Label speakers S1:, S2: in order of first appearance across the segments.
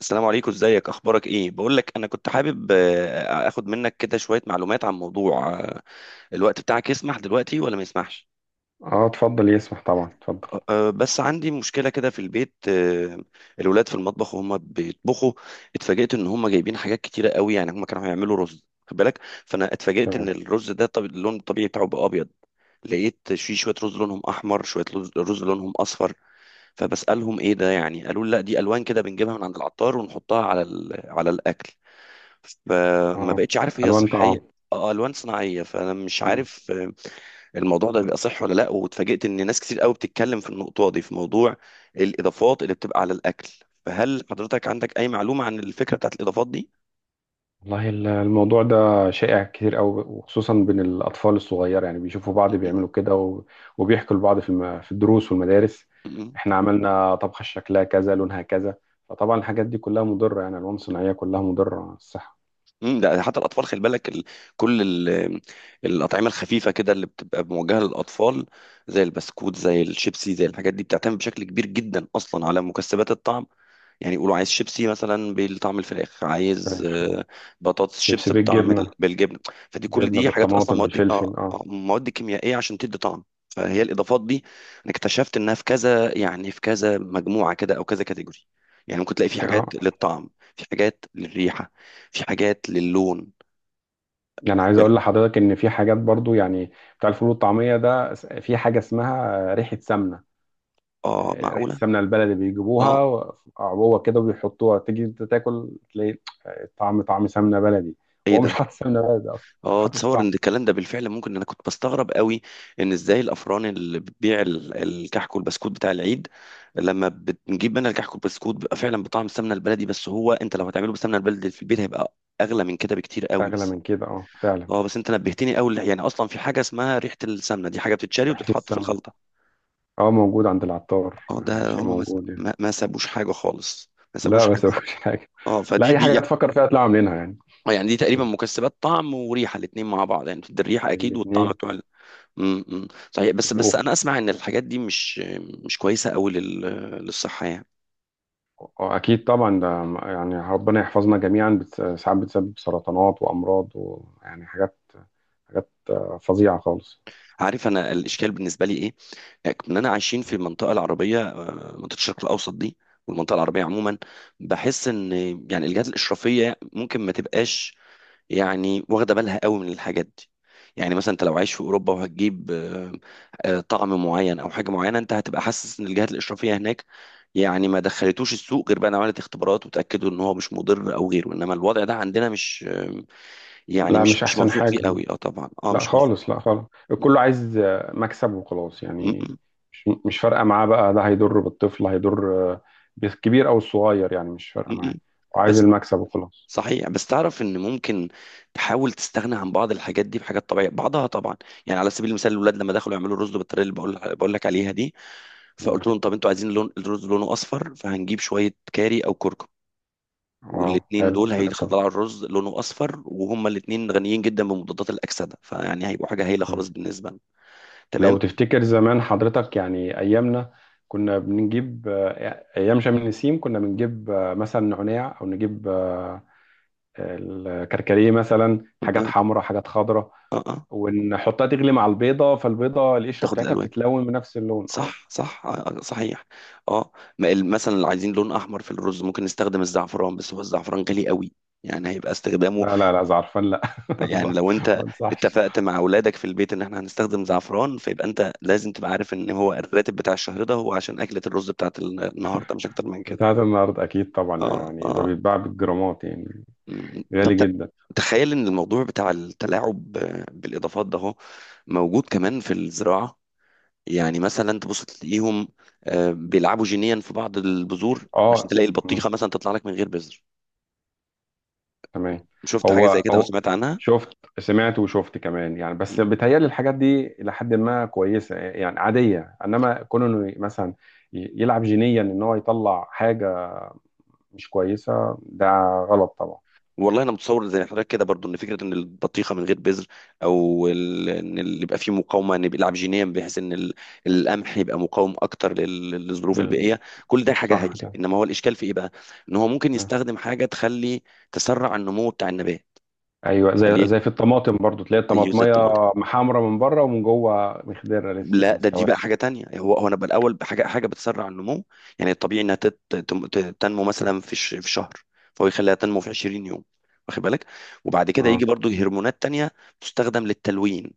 S1: السلام عليكم، ازيك، اخبارك ايه؟ بقول لك انا كنت حابب اخد منك كده شوية معلومات عن موضوع الوقت بتاعك يسمح دلوقتي ولا ما يسمحش؟
S2: اه، اتفضل يسمح طبعا، اتفضل.
S1: بس عندي مشكلة كده في البيت. الولاد في المطبخ وهم بيطبخوا. اتفاجئت ان هم جايبين حاجات كتيرة قوي، يعني هم كانوا هيعملوا رز، خد بالك. فانا اتفاجئت ان
S2: تمام.
S1: الرز ده، طب اللون الطبيعي بتاعه بقى ابيض، لقيت في شوية رز لونهم احمر، شوية رز لونهم اصفر. فبسألهم ايه ده يعني، قالوا لي لا دي الوان كده بنجيبها من عند العطار ونحطها على على الاكل. فما
S2: اه،
S1: بقتش عارف هي
S2: الوان
S1: صحيه.
S2: طعام.
S1: اه، الوان صناعيه، فانا مش
S2: مم.
S1: عارف. الموضوع ده بيبقى صح ولا لا؟ واتفاجئت ان ناس كتير قوي بتتكلم في النقطه دي، في موضوع الاضافات اللي بتبقى على الاكل. فهل حضرتك عندك اي معلومه عن الفكره بتاعت الاضافات دي؟
S2: والله الموضوع ده شائع كتير قوي، وخصوصا بين الاطفال الصغيره، يعني بيشوفوا بعض بيعملوا كده وبيحكوا لبعض في في الدروس والمدارس.
S1: م-
S2: احنا عملنا طبخه شكلها كذا لونها كذا، فطبعا الحاجات دي كلها مضره، يعني الوان صناعيه كلها مضره على الصحه.
S1: م. ده حتى الاطفال، خلي بالك كل ال... الاطعمه الخفيفه كده اللي بتبقى موجهه للاطفال، زي البسكوت، زي الشيبسي، زي الحاجات دي، بتعتمد بشكل كبير جدا اصلا على مكسبات الطعم. يعني يقولوا عايز شيبسي مثلا بطعم الفراخ، عايز
S2: فراخ.
S1: بطاطس
S2: شيبسي
S1: شيبس بطعم
S2: بالجبنه.
S1: بالجبن. فدي كل
S2: جبنه
S1: دي حاجات اصلا
S2: بالطماطم
S1: مواد
S2: بالفلفل اه.
S1: مواد كيميائيه عشان تدي طعم. فهي الاضافات دي انا اكتشفت انها في كذا، يعني في كذا مجموعه كده، او كذا كاتيجوري. يعني ممكن تلاقي في
S2: ك-
S1: حاجات
S2: اه
S1: للطعم، في حاجات للريحه، في حاجات للون.
S2: يعني
S1: واخد
S2: عايز
S1: بالك؟
S2: اقول لحضرتك ان في حاجات برضو يعني. بتاع الفول والطعميه ده في حاجه اسمها ريحه سمنه.
S1: اه
S2: ريحه
S1: معقوله.
S2: السمنه البلدي
S1: اه،
S2: بيجيبوها عبوه كده وبيحطوها، تيجي انت تاكل تلاقي طعم، طعم سمنه بلدي.
S1: ايه
S2: هو
S1: ده؟
S2: مش حاطط سمنه بلدي اصلا،
S1: اه،
S2: حاطط
S1: تصور
S2: طعم.
S1: ان الكلام ده بالفعل ممكن. انا كنت بستغرب قوي ان ازاي الافران اللي بتبيع الكحك والبسكوت بتاع العيد، لما بنجيب منها الكحك والبسكوت بيبقى فعلا بطعم السمنه البلدي. بس هو انت لو هتعمله بالسمنه البلدي في البيت هيبقى اغلى من كده بكتير قوي.
S2: اغلى
S1: بس
S2: من كده اه فعلا.
S1: اه، بس انت نبهتني قوي، يعني اصلا في حاجه اسمها ريحه السمنه، دي حاجه بتتشري
S2: ريحه
S1: وبتتحط في
S2: السمنه
S1: الخلطه.
S2: اه موجود عند العطار،
S1: اه، ده
S2: شيء
S1: هم
S2: موجود يعني.
S1: ما سابوش حاجه خالص، ما سابوش
S2: لا
S1: حاجه
S2: بس
S1: خالص.
S2: مفيش حاجه.
S1: اه،
S2: لا،
S1: فدي
S2: اي
S1: دي،
S2: حاجه تفكر فيها تطلع عاملينها يعني.
S1: يعني دي تقريبا مكسبات طعم وريحه الاتنين مع بعض، يعني بتدي الريحه اكيد والطعم
S2: الاثنين.
S1: بتوع. أمم. صحيح، بس انا اسمع ان الحاجات دي مش كويسه قوي للصحه يعني.
S2: اكيد طبعا، ده يعني ربنا يحفظنا جميعا، ساعات بتسبب سرطانات وامراض، ويعني حاجات فظيعه خالص.
S1: عارف انا الاشكال بالنسبه لي ايه؟ اننا عايشين في المنطقه العربيه، منطقه الشرق الاوسط دي، والمنطقه العربيه عموما. بحس ان يعني الجهات الاشرافيه ممكن ما تبقاش يعني واخده بالها قوي من الحاجات دي. يعني مثلا انت لو عايش في اوروبا وهتجيب طعم معين او حاجه معينه، انت هتبقى حاسس ان الجهات الاشرافيه هناك يعني ما دخلتوش السوق غير بقى إن عملت اختبارات وتاكدوا ان هو مش مضر او غيره. انما الوضع ده عندنا مش يعني
S2: لا،
S1: مش
S2: مش
S1: مش
S2: احسن
S1: موثوق
S2: حاجه.
S1: فيه قوي. اه طبعا، اه
S2: لا
S1: مش موثوق.
S2: خالص، لا خالص. الكل عايز مكسب وخلاص
S1: م-
S2: يعني.
S1: م-
S2: مش فارقه معاه بقى، ده هيضر بالطفل، هيضر بالكبير او الصغير يعني، مش فارقه
S1: م-
S2: معاه.
S1: م-
S2: وعايز
S1: بس
S2: المكسب وخلاص.
S1: صحيح، بس تعرف ان ممكن تحاول تستغنى عن بعض الحاجات دي بحاجات طبيعيه، بعضها طبعا. يعني على سبيل المثال، الاولاد لما دخلوا يعملوا الرز بالطريقه اللي بقول لك عليها دي،
S2: تمام
S1: فقلت لهم طب انتوا عايزين لون الرز لونه اصفر، فهنجيب شويه كاري او كركم،
S2: اه،
S1: والاتنين
S2: حلو
S1: دول
S2: حاجه طبعا.
S1: هيطلعوا الرز لونه اصفر، وهما الاتنين غنيين جدا بمضادات الاكسده، فيعني هيبقوا حاجه هايله
S2: تمام.
S1: خالص بالنسبه لنا.
S2: لو
S1: تمام.
S2: تفتكر زمان حضرتك يعني، ايامنا كنا بنجيب ايام شم النسيم، كنا بنجيب مثلا نعناع، او نجيب الكركديه مثلا،
S1: اه اه
S2: حاجات حمراء حاجات خضراء،
S1: اه أه.
S2: ونحطها تغلي مع البيضه، فالبيضه القشره
S1: تاخد
S2: بتاعتها
S1: الالوان،
S2: بتتلون بنفس اللون اه.
S1: صح صح صحيح. اه، ما مثلا لو عايزين لون احمر في الرز ممكن نستخدم الزعفران، بس هو الزعفران غالي قوي، يعني هيبقى استخدامه،
S2: لا لا لا زعرفان، لا.
S1: يعني لو انت
S2: ما انصحش.
S1: اتفقت مع اولادك في البيت ان احنا هنستخدم زعفران، فيبقى انت لازم تبقى عارف ان هو الراتب بتاع الشهر ده هو عشان اكلة الرز بتاعت النهارده، مش اكتر من كده.
S2: بتاعت النهارده اكيد طبعا،
S1: اه
S2: يعني ده
S1: اه.
S2: بيتباع بالجرامات يعني.
S1: مم. طب
S2: غالي جدا.
S1: تخيل ان الموضوع بتاع التلاعب بالاضافات ده هو موجود كمان في الزراعة. يعني مثلا تبص تلاقيهم بيلعبوا جينيا في بعض البذور عشان
S2: اه،
S1: تلاقي
S2: مم،
S1: البطيخة مثلا تطلع لك من غير بذر.
S2: تمام.
S1: شفت حاجة زي
S2: هو
S1: كده او
S2: هو
S1: سمعت عنها؟
S2: شفت، سمعت وشفت كمان يعني، بس بيتهيألي الحاجات دي إلى حد ما كويسة، يعني عادية، إنما كونه إنه مثلا يلعب جينيا إن هو يطلع حاجة مش كويسة، ده غلط طبعا.
S1: والله انا متصور زي حضرتك كده برضو، ان فكره ان البطيخه من غير بذر، او ان اللي يبقى فيه مقاومه ان يبقى العبجينيه بحيث ان القمح يبقى مقاوم اكتر للظروف
S2: ال-
S1: البيئيه، كل ده حاجه
S2: صح
S1: هايله.
S2: كده.
S1: انما هو الاشكال في ايه بقى؟ ان هو ممكن
S2: آه.
S1: يستخدم حاجه تخلي تسرع النمو بتاع النبات.
S2: ايوه، زي
S1: فليه؟
S2: زي في الطماطم برضو تلاقي
S1: اي زي
S2: الطماطميه
S1: الطماطم.
S2: محمره من بره، ومن جوه مخضره لسه
S1: لا،
S2: ما
S1: ده دي بقى
S2: استوتش
S1: حاجه تانية. هو هو انا بقى الاول بحاجه بتسرع النمو. يعني الطبيعي انها تنمو مثلا في في شهر، فهو يخليها تنمو في 20 يوم، واخد بالك؟ وبعد كده
S2: اه
S1: يجي برضو هرمونات تانية تستخدم للتلوين،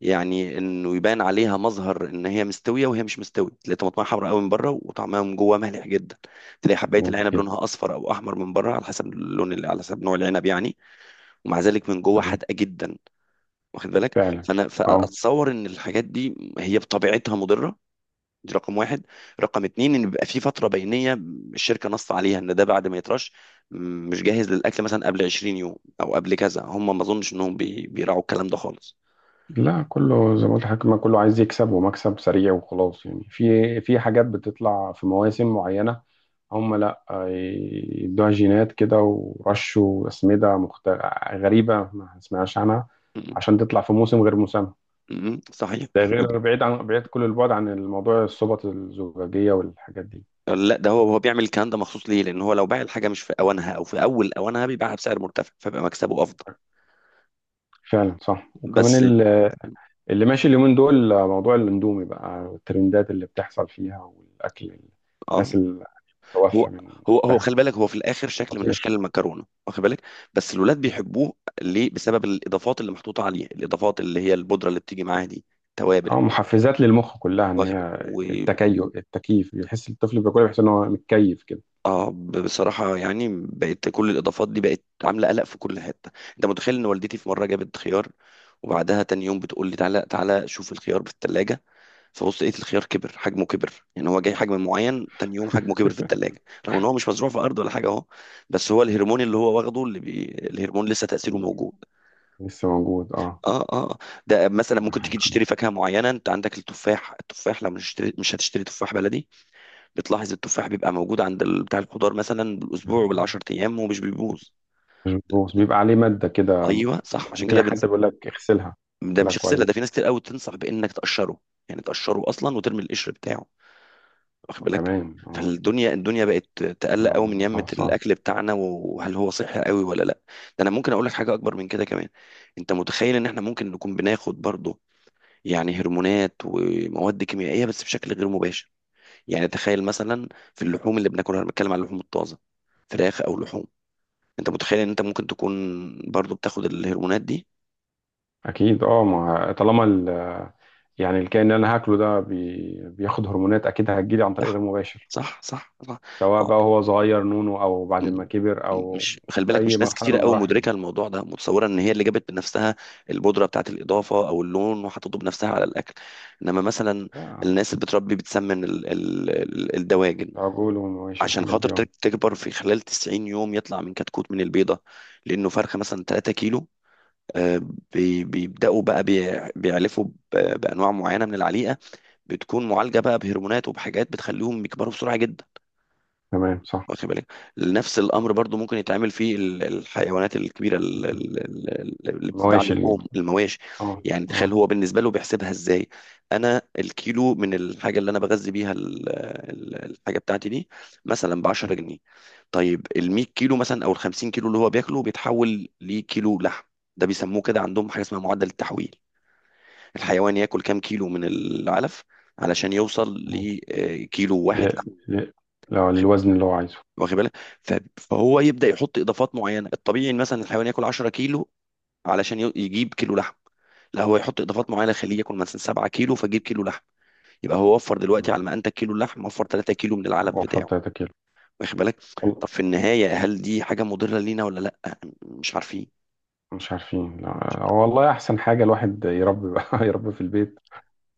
S1: يعني انه يبان عليها مظهر ان هي مستويه وهي مش مستويه. تلاقي طماطمها حمراء قوي من بره وطعمها من جوه مالح جدا، تلاقي حبايه العنب
S2: كده.
S1: لونها اصفر او احمر من بره، على حسب اللون اللي، على حسب نوع العنب يعني، ومع ذلك من جوه
S2: تمام.
S1: حادقه جدا. واخد بالك؟
S2: فعلا
S1: فانا
S2: اه.
S1: فاتصور ان الحاجات دي هي بطبيعتها مضره. دي رقم واحد. رقم اتنين ان بيبقى في فتره بينيه الشركه نص عليها ان ده بعد ما يترش مش جاهز للاكل مثلا قبل 20 يوم او قبل كذا، هم ما اظنش انهم بيراعوا الكلام ده خالص.
S2: لا، كله زي ما قلت لحضرتك، ما كله عايز يكسب، ومكسب سريع وخلاص يعني، في حاجات بتطلع في مواسم معينه، هم لا يدوها جينات كده ورشوا اسمده غريبه ما سمعناش عنها،
S1: م-
S2: عشان تطلع في موسم غير موسمها.
S1: صحيح.
S2: ده
S1: ود-
S2: غير، بعيد عن بعيد كل البعد عن الموضوع، الصوبة الزجاجيه والحاجات دي.
S1: لا، ده هو هو بيعمل الكلام ده مخصوص ليه، لان هو لو باع الحاجه مش في اوانها او في اول اوانها بيبيعها بسعر مرتفع، فبيبقى مكسبه افضل.
S2: فعلا صح، وكمان
S1: بس
S2: اللي ماشي اليومين دول موضوع الاندومي بقى، والترندات اللي بتحصل فيها والاكل الناس
S1: اه،
S2: اللي
S1: هو
S2: متوفى من.
S1: هو خلي بالك، هو في الاخر شكل من اشكال
S2: خطير.
S1: المكرونه، واخد بالك؟ بس الولاد بيحبوه، ليه؟ بسبب الاضافات اللي محطوطه عليه، الاضافات اللي هي البودره اللي بتيجي معاها دي، توابل.
S2: اه، محفزات للمخ كلها، ان
S1: واخد
S2: هي
S1: بالك؟ و
S2: التكيف بيحس الطفل بياكل، بيحس ان هو متكيف كده.
S1: اه، بصراحه يعني بقت كل الاضافات دي بقت عامله قلق في كل حته. انت متخيل ان والدتي في مره جابت خيار، وبعدها تاني يوم بتقول لي تعالى تعالى شوف الخيار في الثلاجه، فبص لقيت الخيار كبر، حجمه كبر. يعني هو جاي حجم معين، تاني يوم حجمه كبر في التلاجة، رغم ان هو مش مزروع في ارض ولا حاجه اهو، بس هو الهرمون اللي هو واخده اللي بي... الهرمون لسه تاثيره موجود.
S2: لسه موجود اه.
S1: اه اه. ده مثلا ممكن
S2: حاجة
S1: تيجي تشتري
S2: خفيفة.
S1: فاكهه معينه، انت عندك التفاح، التفاح لما مش هتشتري تفاح بلدي، بتلاحظ التفاح بيبقى موجود عند بتاع الخضار مثلا بالاسبوع وبالعشر ايام ومش بيبوظ.
S2: مظبوط، بيبقى عليه ماده كده.
S1: ايوه صح، عشان
S2: مهميه
S1: كده
S2: حتى
S1: بنص...
S2: بيقول لك اغسلها.
S1: ده
S2: اغسلها
S1: مش غسله، ده
S2: كويس.
S1: في ناس كتير قوي تنصح بانك تقشره، يعني تقشره اصلا وترمي القشر بتاعه، واخد بالك؟
S2: وكمان اه.
S1: فالدنيا بقت تقلق قوي من
S2: آه، ده
S1: يمة
S2: صح.
S1: الاكل بتاعنا، وهل هو صحي قوي ولا لا. ده انا ممكن اقول لك حاجه اكبر من كده كمان. انت متخيل ان احنا ممكن نكون بناخد برضه يعني هرمونات ومواد كيميائيه بس بشكل غير مباشر؟ يعني تخيل مثلا، في اللحوم اللي بناكلها، انا بتكلم على اللحوم الطازه، فراخ او لحوم، انت متخيل ان انت ممكن تكون برضه بتاخد الهرمونات دي؟
S2: اكيد اه، ما طالما يعني الكائن اللي انا هاكله ده بياخد هرمونات، اكيد هتجيلي عن طريق
S1: صح
S2: غير مباشر،
S1: صح صح
S2: سواء
S1: صح.
S2: بقى هو صغير نونو، او بعد
S1: م-
S2: ما كبر، او
S1: مش خلي
S2: في
S1: بالك،
S2: اي
S1: مش ناس
S2: مرحله من
S1: كتيرة قوي
S2: مراحله.
S1: مدركة الموضوع ده، متصورة ان هي اللي جابت بنفسها البودرة بتاعت الإضافة او اللون وحطته بنفسها على الأكل. انما مثلا
S2: لا.
S1: الناس اللي بتربي بتسمن الدواجن
S2: العجول والمواشي
S1: عشان
S2: والحاجات
S1: خاطر
S2: دي اه.
S1: تكبر في خلال 90 يوم، يطلع من كتكوت من البيضة لأنه فرخة مثلا 3 كيلو. آه، بيبدأوا بقى بيعلفوا بأنواع معينة من العليقة، بتكون معالجة بقى بهرمونات وبحاجات بتخليهم يكبروا بسرعة جدا،
S2: تمام صح.
S1: واخد بالك؟ نفس
S2: آه.
S1: الامر برضو ممكن يتعمل في الحيوانات الكبيره، اللي بتتباع،
S2: مواشي
S1: لحوم المواشي.
S2: اه
S1: يعني تخيل
S2: اه.
S1: هو بالنسبه له بيحسبها ازاي. انا الكيلو من الحاجه اللي انا بغذي بيها الحاجه بتاعتي دي مثلا ب 10 جنيه، طيب ال 100 كيلو مثلا او ال 50 كيلو اللي هو بياكله بيتحول لكيلو لحم. ده بيسموه كده عندهم حاجه اسمها معدل التحويل، الحيوان ياكل كام كيلو من العلف علشان يوصل لكيلو
S2: ل...
S1: واحد لحم.
S2: ل... لا، للوزن اللي هو عايزه.
S1: واخد بالك؟ فهو يبدا يحط اضافات معينه. الطبيعي إن مثلا الحيوان ياكل 10 كيلو علشان يجيب كيلو لحم، لا هو يحط اضافات معينه خليه ياكل مثلا 7 كيلو فجيب كيلو لحم، يبقى هو وفر دلوقتي على
S2: مم.
S1: ما انتج كيلو اللحم وفر 3 كيلو من العلف
S2: وفر
S1: بتاعه.
S2: 3 كيلو.
S1: واخد بالك؟
S2: وال-
S1: طب في النهايه هل دي حاجه مضره لينا ولا لا؟ مش عارفين.
S2: مش عارفين لا. والله احسن حاجه الواحد يربي بقى، يربي في البيت،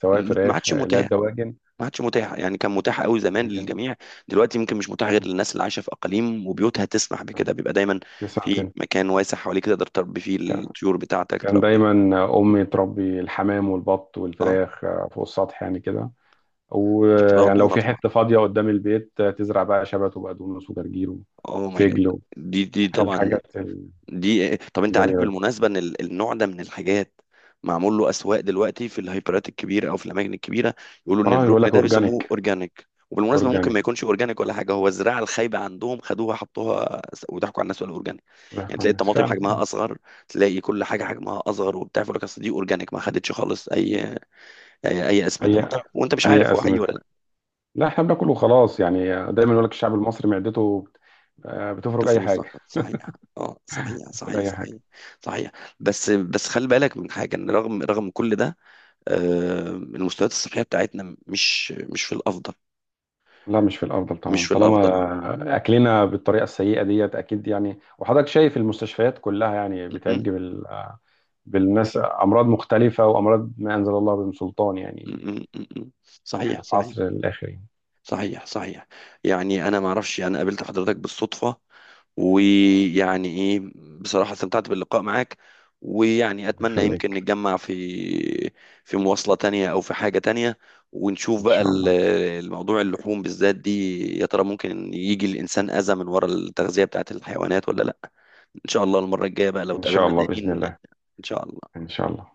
S2: سواء
S1: ما
S2: فراخ،
S1: عادش متاح،
S2: لا، دواجن.
S1: ما عادش متاح، يعني كان متاح قوي زمان
S2: دواجن.
S1: للجميع، دلوقتي يمكن مش متاح غير للناس اللي عايشه في اقاليم وبيوتها تسمح بكده، بيبقى دايما
S2: تسعة
S1: في
S2: كده.
S1: مكان واسع حواليك تقدر تربي فيه
S2: كان
S1: الطيور بتاعتك،
S2: كان
S1: تربي.
S2: دايما أمي تربي الحمام والبط
S1: اه،
S2: والفراخ فوق السطح يعني كده،
S1: دي بتبقى
S2: ويعني لو
S1: غنورة
S2: في
S1: طبعا،
S2: حتة فاضية قدام البيت تزرع بقى شبت وبقدونس وجرجير،
S1: اوه ماي جاد.
S2: وفجل.
S1: دي دي طبعا
S2: الحاجات
S1: دي. طب انت عارف
S2: الجميلة دي.
S1: بالمناسبة ان النوع ده من الحاجات معمول له اسواق دلوقتي في الهايبرات الكبيرة او في الاماكن الكبيرة، يقولوا ان
S2: اه، يقول
S1: الركن
S2: لك
S1: ده بيسموه
S2: اورجانيك.
S1: اورجانيك. وبالمناسبة ممكن
S2: اورجانيك.
S1: ما يكونش اورجانيك ولا حاجة، هو الزراعة الخايبة عندهم خدوها حطوها وضحكوا على الناس ولا اورجانيك. يعني تلاقي الطماطم
S2: فعلا
S1: حجمها
S2: كده.
S1: اصغر، تلاقي كل حاجة حجمها اصغر وبتاع، فيقول لك اصل دي اورجانيك ما خدتش خالص أي اسمدة
S2: اي
S1: وبتاع. وانت مش
S2: اي
S1: عارف هو حقيقي ولا
S2: اسمده.
S1: لا.
S2: لا، احنا بناكل وخلاص يعني. دايما يقول لك الشعب المصري معدته بتفرك اي
S1: تفوز
S2: حاجه.
S1: لقب صحيح. اه صحيح
S2: بتاكل
S1: صحيح
S2: اي
S1: صحيح
S2: حاجه.
S1: صحيح، بس خلي بالك من حاجه، ان رغم كل ده، المستويات الصحيه بتاعتنا مش في الافضل،
S2: لا، مش في الافضل
S1: مش
S2: طبعا،
S1: في الافضل.
S2: طالما اكلنا بالطريقه السيئه ديت اكيد يعني، وحضرتك شايف المستشفيات كلها يعني
S1: م- م-
S2: بتعج بالناس، امراض مختلفه، وامراض ما انزل الله بهم سلطان
S1: م-
S2: يعني.
S1: م- م- م. صحيح
S2: احنا في عصر
S1: صحيح
S2: الاخر يعني.
S1: صحيح. يعني انا ما اعرفش، يعني انا قابلت حضرتك بالصدفة ويعني ايه، بصراحة استمتعت باللقاء معاك، ويعني اتمنى
S2: خليك.
S1: يمكن نتجمع في في مواصلة تانية او في حاجة تانية، ونشوف
S2: ان
S1: بقى
S2: شاء الله.
S1: الموضوع، اللحوم بالذات دي يا ترى ممكن يجي الانسان اذى من ورا التغذية بتاعت الحيوانات ولا لا. ان شاء الله المرة الجاية بقى لو
S2: ان شاء
S1: اتقابلنا
S2: الله باذن
S1: تاني،
S2: الله.
S1: ان شاء الله.
S2: ان شاء الله.